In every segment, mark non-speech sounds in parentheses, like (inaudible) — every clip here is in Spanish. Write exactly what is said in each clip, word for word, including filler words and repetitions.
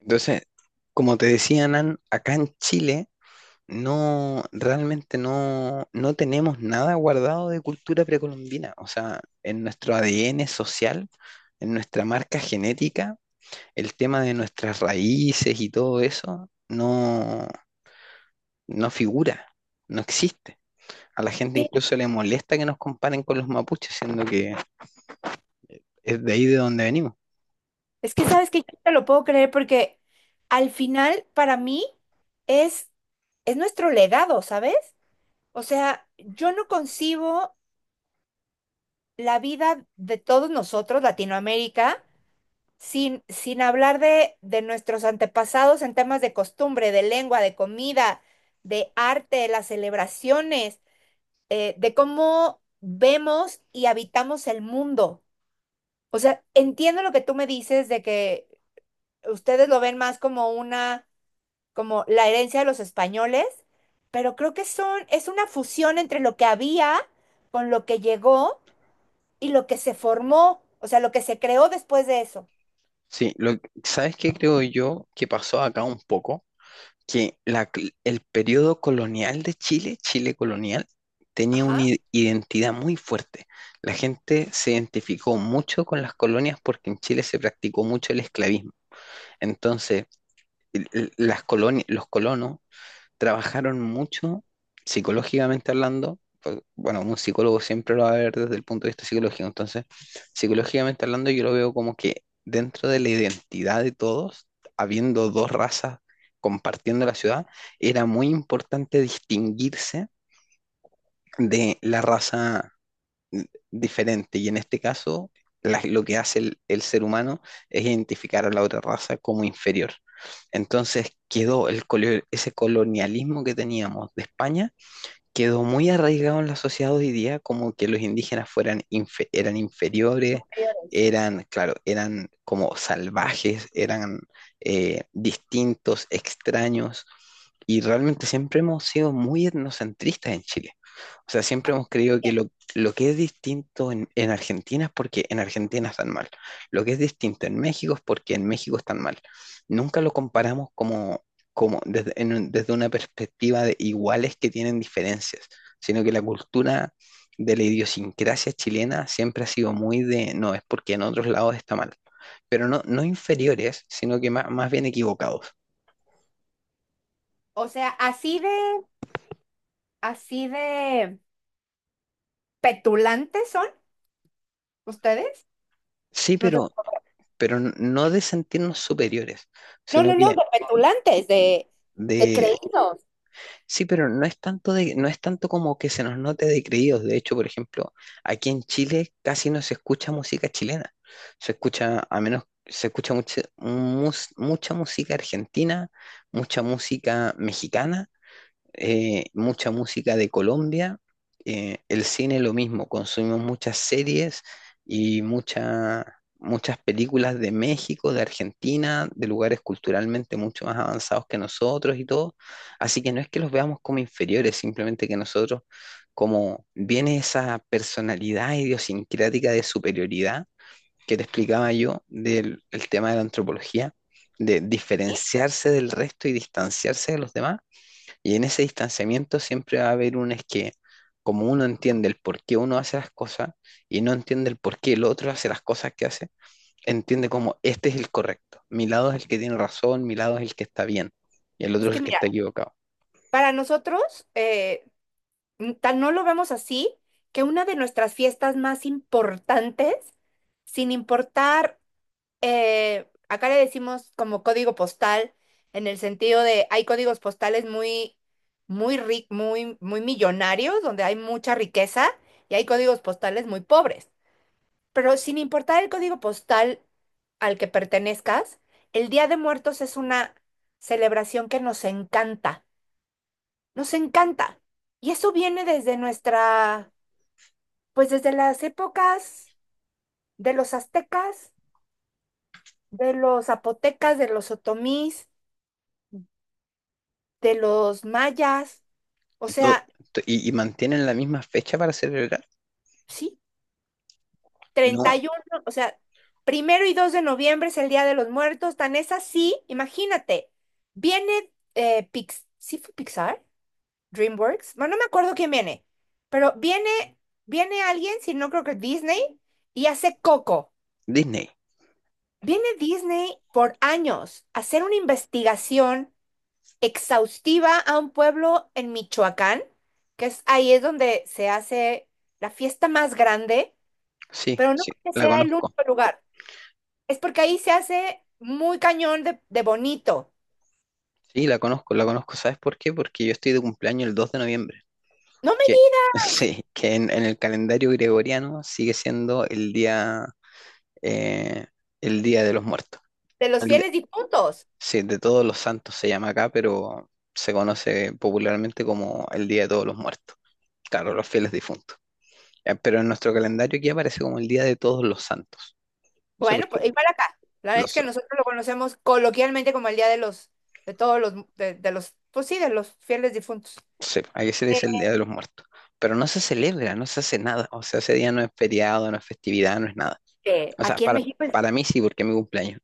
Entonces, como te decía Nan, acá en Chile no, realmente no, no tenemos nada guardado de cultura precolombina. O sea, en nuestro A D N social, en nuestra marca genética, el tema de nuestras raíces y todo eso no, no figura, no existe. A la gente Sí, incluso le molesta que nos comparen con los mapuches, siendo que es de ahí de donde venimos. es que sabes que yo no te lo puedo creer porque al final para mí es, es nuestro legado, ¿sabes? O sea, yo no concibo la vida de todos nosotros, Latinoamérica, sin, sin hablar de, de nuestros antepasados en temas de costumbre, de lengua, de comida, de arte, de las celebraciones, eh, de cómo vemos y habitamos el mundo. O sea, entiendo lo que tú me dices de que ustedes lo ven más como una como la herencia de los españoles, pero creo que son, es una fusión entre lo que había con lo que llegó y lo que se formó, o sea, lo que se creó después de eso. Sí, lo, ¿sabes qué creo yo que pasó acá un poco? Que la cl- el periodo colonial de Chile, Chile colonial, tenía una Ajá. i- identidad muy fuerte. La gente se identificó mucho con las colonias porque en Chile se practicó mucho el esclavismo. Entonces, el- el- las colonias, los colonos trabajaron mucho psicológicamente hablando. pues, Bueno, un psicólogo siempre lo va a ver desde el punto de vista psicológico. Entonces, psicológicamente hablando, yo lo veo como que dentro de la identidad de todos, habiendo dos razas compartiendo la ciudad, era muy importante distinguirse de la raza n- diferente. Y en este caso, la- lo que hace el, el ser humano es identificar a la otra raza como inferior. Entonces quedó el, colo- ese colonialismo que teníamos de España quedó muy arraigado en la sociedad hoy día como que los indígenas fueran infe- eran inferiores, Anteriores. eran, claro, eran como salvajes, eran eh, distintos, extraños, y realmente siempre hemos sido muy etnocentristas en Chile. O sea, siempre Ah, hemos creído que bien. lo, lo que es distinto en, en Argentina es porque en Argentina están mal. Lo que es distinto en México es porque en México están mal. Nunca lo comparamos como como desde, en un- desde una perspectiva de iguales que tienen diferencias, sino que la cultura de la idiosincrasia chilena siempre ha sido muy de, no, es porque en otros lados está mal, pero no, no inferiores, sino que más, más bien equivocados. O sea, así de, así de petulantes son ustedes. Sí, No te- pero, pero no de sentirnos superiores, No, sino no, que no, de petulantes, de, de de. creídos. Sí, pero no es tanto de, no es tanto como que se nos note de creídos. De hecho, por ejemplo, aquí en Chile casi no se escucha música chilena. Se escucha, a menos, se escucha mucha, mus- mucha música argentina, mucha música mexicana, eh, mucha música de Colombia, eh, el cine lo mismo, consumimos muchas series y mucha- muchas películas de México, de Argentina, de lugares culturalmente mucho más avanzados que nosotros y todo. Así que no es que los veamos como inferiores, simplemente que nosotros, como viene esa personalidad idiosincrática de superioridad que te explicaba yo del el tema de la antropología, de diferenciarse del resto y distanciarse de los demás, y en ese distanciamiento siempre va a haber un es que, como uno entiende el por qué uno hace las cosas y no entiende el por qué el otro hace las cosas que hace, entiende como este es el correcto, mi lado es el que tiene razón, mi lado es el que está bien y el Es otro es que el que mira, está equivocado. para nosotros, eh, Mm, tan no lo vemos así que una de nuestras fiestas más importantes, sin importar, eh, acá le decimos como código postal, en el sentido de hay códigos postales muy, muy, ri- muy, muy millonarios, donde hay mucha riqueza, y hay códigos postales muy pobres. Pero sin importar el código postal al que pertenezcas, el Día de Muertos es una celebración que nos encanta, nos encanta. Y eso viene desde nuestra pues desde las épocas de los aztecas, de los zapotecas, de los otomís, de los mayas, o Y, todo, sea, to- y, y mantienen la misma fecha para celebrar. sí, treinta y No, uno o sea, primero y dos de noviembre es el Día de los Muertos, tan es así, imagínate, viene eh, Pix, ¿sí fue Pixar? DreamWorks, bueno, no me acuerdo quién viene, pero viene, viene, alguien, si no creo que Disney, y hace Coco. Disney, Viene Disney por años a hacer una investigación exhaustiva a un pueblo en Michoacán, que es ahí es donde se hace la fiesta más grande, sí, pero no sí, porque la sea el conozco. único lugar, es porque ahí se hace muy cañón de, de bonito. Sí, la conozco, la conozco. ¿Sabes por qué? Porque yo estoy de cumpleaños el dos de noviembre. No me Que, (laughs) digas sí, que en, en el calendario gregoriano sigue siendo el día eh, el Día de los Muertos. de los El de- fieles difuntos. sí, de Todos los Santos se llama acá, pero se conoce popularmente como el Día de Todos los Muertos. Claro, los fieles difuntos. Eh, Pero en nuestro calendario aquí aparece como el Día de Todos los Santos. Sí, Bueno, porque pues igual acá. La verdad es los, que nosotros lo conocemos coloquialmente como el día de los, de todos los, de, de los, pues sí, de los fieles difuntos. sí, aquí se le dice el Día de los Muertos. Pero no se celebra, no se hace nada. O sea, ese día no es feriado, no es festividad, no es nada. Eh, O sea, aquí en para, México para mí sí, porque es mi cumpleaños.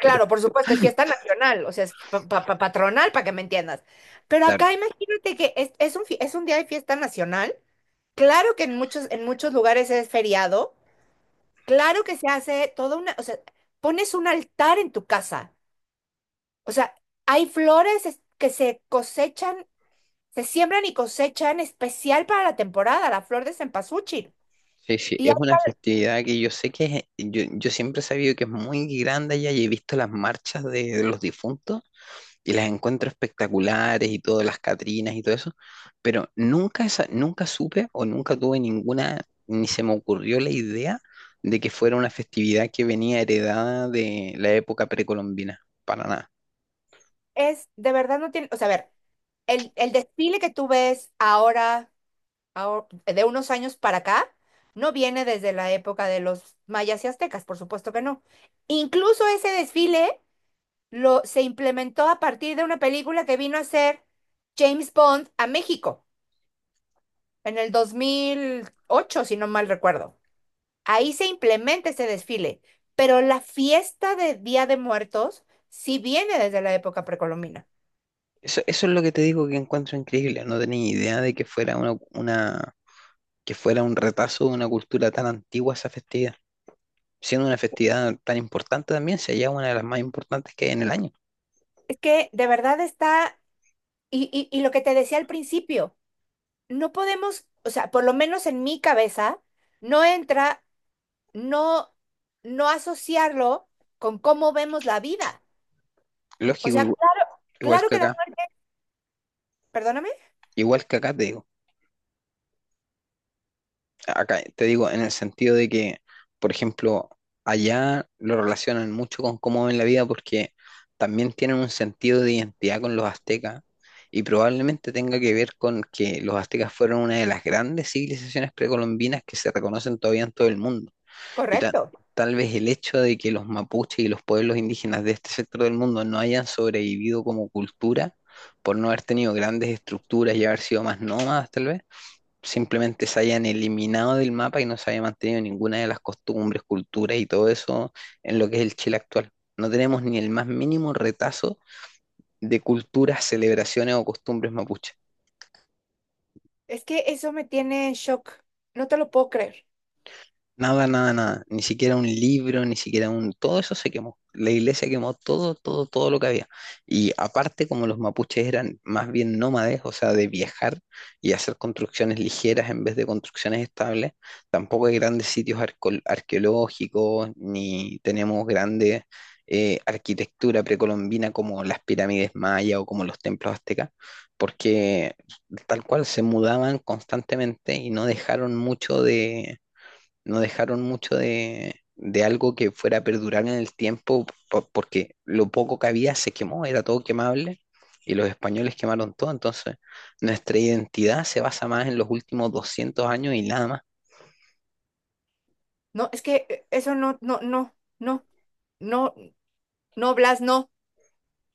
Pero claro, por supuesto, es fiesta nacional, o sea, es pa- pa- pa- patronal para que me entiendas. Pero claro. acá imagínate que es, es un, fi- es un día de fiesta nacional. Claro que en muchos, en muchos lugares es feriado. Claro que se hace toda una, o sea, pones un altar en tu casa. O sea, hay flores es- que se cosechan, se siembran y cosechan especial para la temporada, la flor de cempasúchil. Sí, sí, Y es una festividad que yo sé que es- yo, yo siempre he sabido que es muy grande allá, y he visto las marchas de, de los difuntos y las encuentro espectaculares y todas las Catrinas y todo eso, pero nunca, esa- nunca supe o nunca tuve ninguna, ni se me ocurrió la idea de que fuera una festividad que venía heredada de la época precolombina, para nada. es, de verdad no tiene, o sea, a ver, el, el desfile que tú ves ahora. Ahor- de unos años para acá, no viene desde la época de los mayas y aztecas, por supuesto que no. Incluso ese desfile lo, se implementó a partir de una película que vino a hacer James Bond a México en el dos mil ocho, si no mal recuerdo. Ahí se implementa ese desfile, pero la fiesta de Día de Muertos sí viene desde la época precolombina. Eso, eso es lo que te digo que encuentro increíble, no tenía idea de que fuera una, una, que fuera un retazo de una cultura tan antigua esa festividad. Siendo una festividad tan importante también, si allá una de las más importantes que hay en el año. Es que de verdad está, y, y y lo que te decía al principio. No podemos, o sea, por lo menos en mi cabeza, no entra, no, no asociarlo con cómo vemos la vida. O Lógico, sea, igual, claro, igual claro que que la acá, muerte, perdóname, igual que acá te digo, acá te digo en el sentido de que, por ejemplo, allá lo relacionan mucho con cómo ven la vida porque también tienen un sentido de identidad con los aztecas y probablemente tenga que ver con que los aztecas fueron una de las grandes civilizaciones precolombinas que se reconocen todavía en todo el mundo. Y ta- correcto. Tal vez el hecho de que los mapuches y los pueblos indígenas de este sector del mundo no hayan sobrevivido como cultura, por no haber tenido grandes estructuras y haber sido más nómadas, tal vez, simplemente se hayan eliminado del mapa y no se haya mantenido ninguna de las costumbres, culturas y todo eso en lo que es el Chile actual. No tenemos ni el más mínimo retazo de culturas, celebraciones o costumbres mapuches. Es que eso me tiene en shock. No te lo puedo creer. Nada, nada, nada. Ni siquiera un libro, ni siquiera un... Todo eso se quemó. La iglesia quemó todo, todo, todo lo que había. Y aparte, como los mapuches eran más bien nómades, o sea, de viajar y hacer construcciones ligeras en vez de construcciones estables, tampoco hay grandes sitios arco- arqueológicos, ni tenemos grande eh, arquitectura precolombina como las pirámides mayas o como los templos aztecas, porque tal cual se mudaban constantemente y no dejaron mucho de no dejaron mucho de, de algo que fuera a perdurar en el tiempo, po- porque lo poco que había se quemó, era todo quemable, y los españoles quemaron todo, entonces nuestra identidad se basa más en los últimos doscientos años y nada más, No, es que eh, eso no, no, no, no, no, no, Blas, no.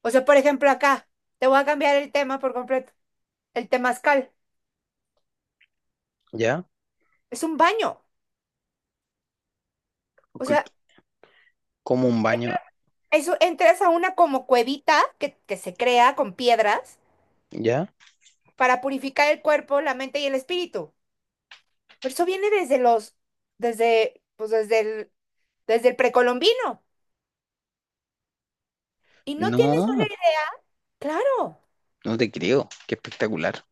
O sea, por ejemplo, acá, te voy a cambiar el tema por completo. El temazcal ¿ya? es un baño. O C- sea, Como un baño, eso entras a una como cuevita que, que se crea con piedras ¿ya? para purificar el cuerpo, la mente y el espíritu. Pero eso viene desde los, desde, pues desde el, desde el, precolombino. Y no tienes una No, idea. Claro, no te creo, qué espectacular.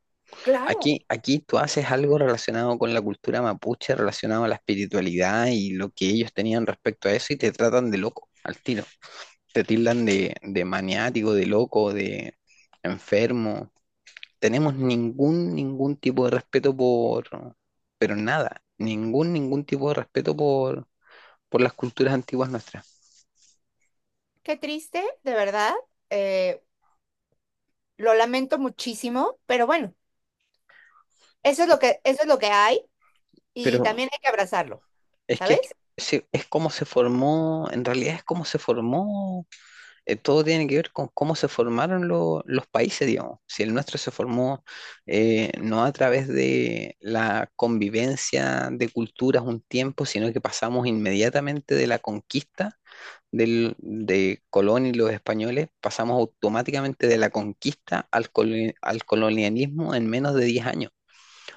claro. Aquí, aquí tú haces algo relacionado con la cultura mapuche, relacionado a la espiritualidad y lo que ellos tenían respecto a eso, y te tratan de loco al tiro. Te tildan de, de maniático, de loco, de enfermo. Tenemos ningún, ningún tipo de respeto por, pero nada, ningún, ningún tipo de respeto por, por las culturas antiguas nuestras. Qué triste, de verdad. Eh, lo lamento muchísimo, pero bueno, eso es lo que, eso es lo que hay y Pero también hay que abrazarlo, es que es, ¿sabes? se- es como se formó, en realidad es como se formó. Eh, todo tiene que ver con cómo se formaron lo- los países, digamos. Si el nuestro se formó, eh, no a través de la convivencia de culturas un tiempo, sino que pasamos inmediatamente de la conquista del- de Colón y los españoles, pasamos automáticamente de la conquista al, colo- al colonialismo en menos de diez años.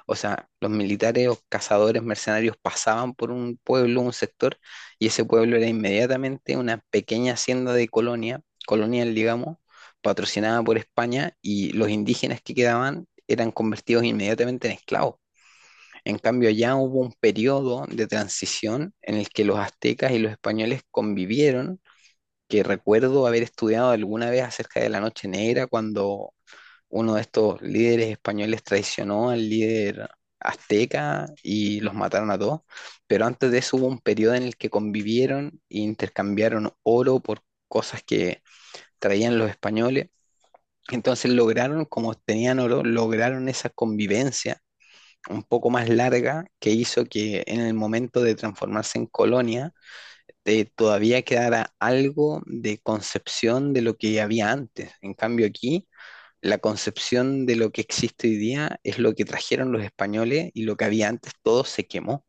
O sea, los militares o cazadores mercenarios pasaban por un pueblo, un sector, y ese pueblo era inmediatamente una pequeña hacienda de colonia, colonial, digamos, patrocinada por España, y los indígenas que quedaban eran convertidos inmediatamente en esclavos. En cambio, allá hubo un periodo de transición en el que los aztecas y los españoles convivieron, que recuerdo haber estudiado alguna vez acerca de la Noche Negra, cuando uno de estos líderes españoles traicionó al líder azteca y los mataron a todos, pero antes de eso hubo un periodo en el que convivieron e intercambiaron oro por cosas que traían los españoles. Entonces lograron, como tenían oro, lograron esa convivencia un poco más larga que hizo que en el momento de transformarse en colonia, eh, todavía quedara algo de concepción de lo que había antes. En cambio aquí la concepción de lo que existe hoy día es lo que trajeron los españoles y lo que había antes todo se quemó.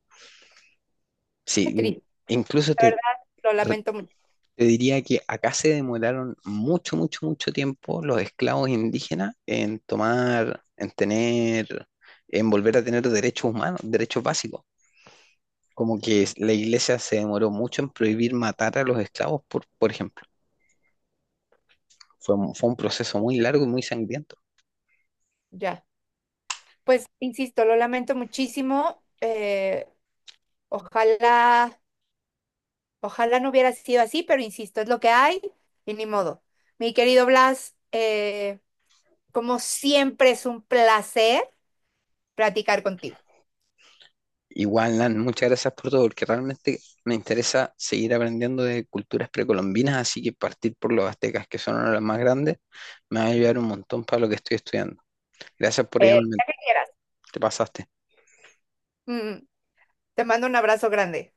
Qué Sí, in- triste, incluso de te, verdad, lo re- lamento mucho. te diría que acá se demoraron mucho, mucho, mucho tiempo los esclavos indígenas en tomar, en tener, en volver a tener derechos humanos, derechos básicos. Como que es- la iglesia se demoró mucho en prohibir matar a los esclavos, por, por ejemplo. Fue, un- fue un proceso muy largo y muy sangriento. Ya, pues insisto, lo lamento muchísimo. eh, ojalá Ojalá no hubiera sido así, pero insisto, es lo que hay y ni modo. Mi querido Blas, eh, como siempre es un placer platicar contigo. Igual, Nan, muchas gracias por todo, porque realmente me interesa seguir aprendiendo de culturas precolombinas, así que partir por los aztecas, que son uno de los más grandes, me va a ayudar un montón para lo que estoy estudiando. Gracias por Eh, llamarme, Ya que quieras. te pasaste. Mm, Te mando un abrazo grande.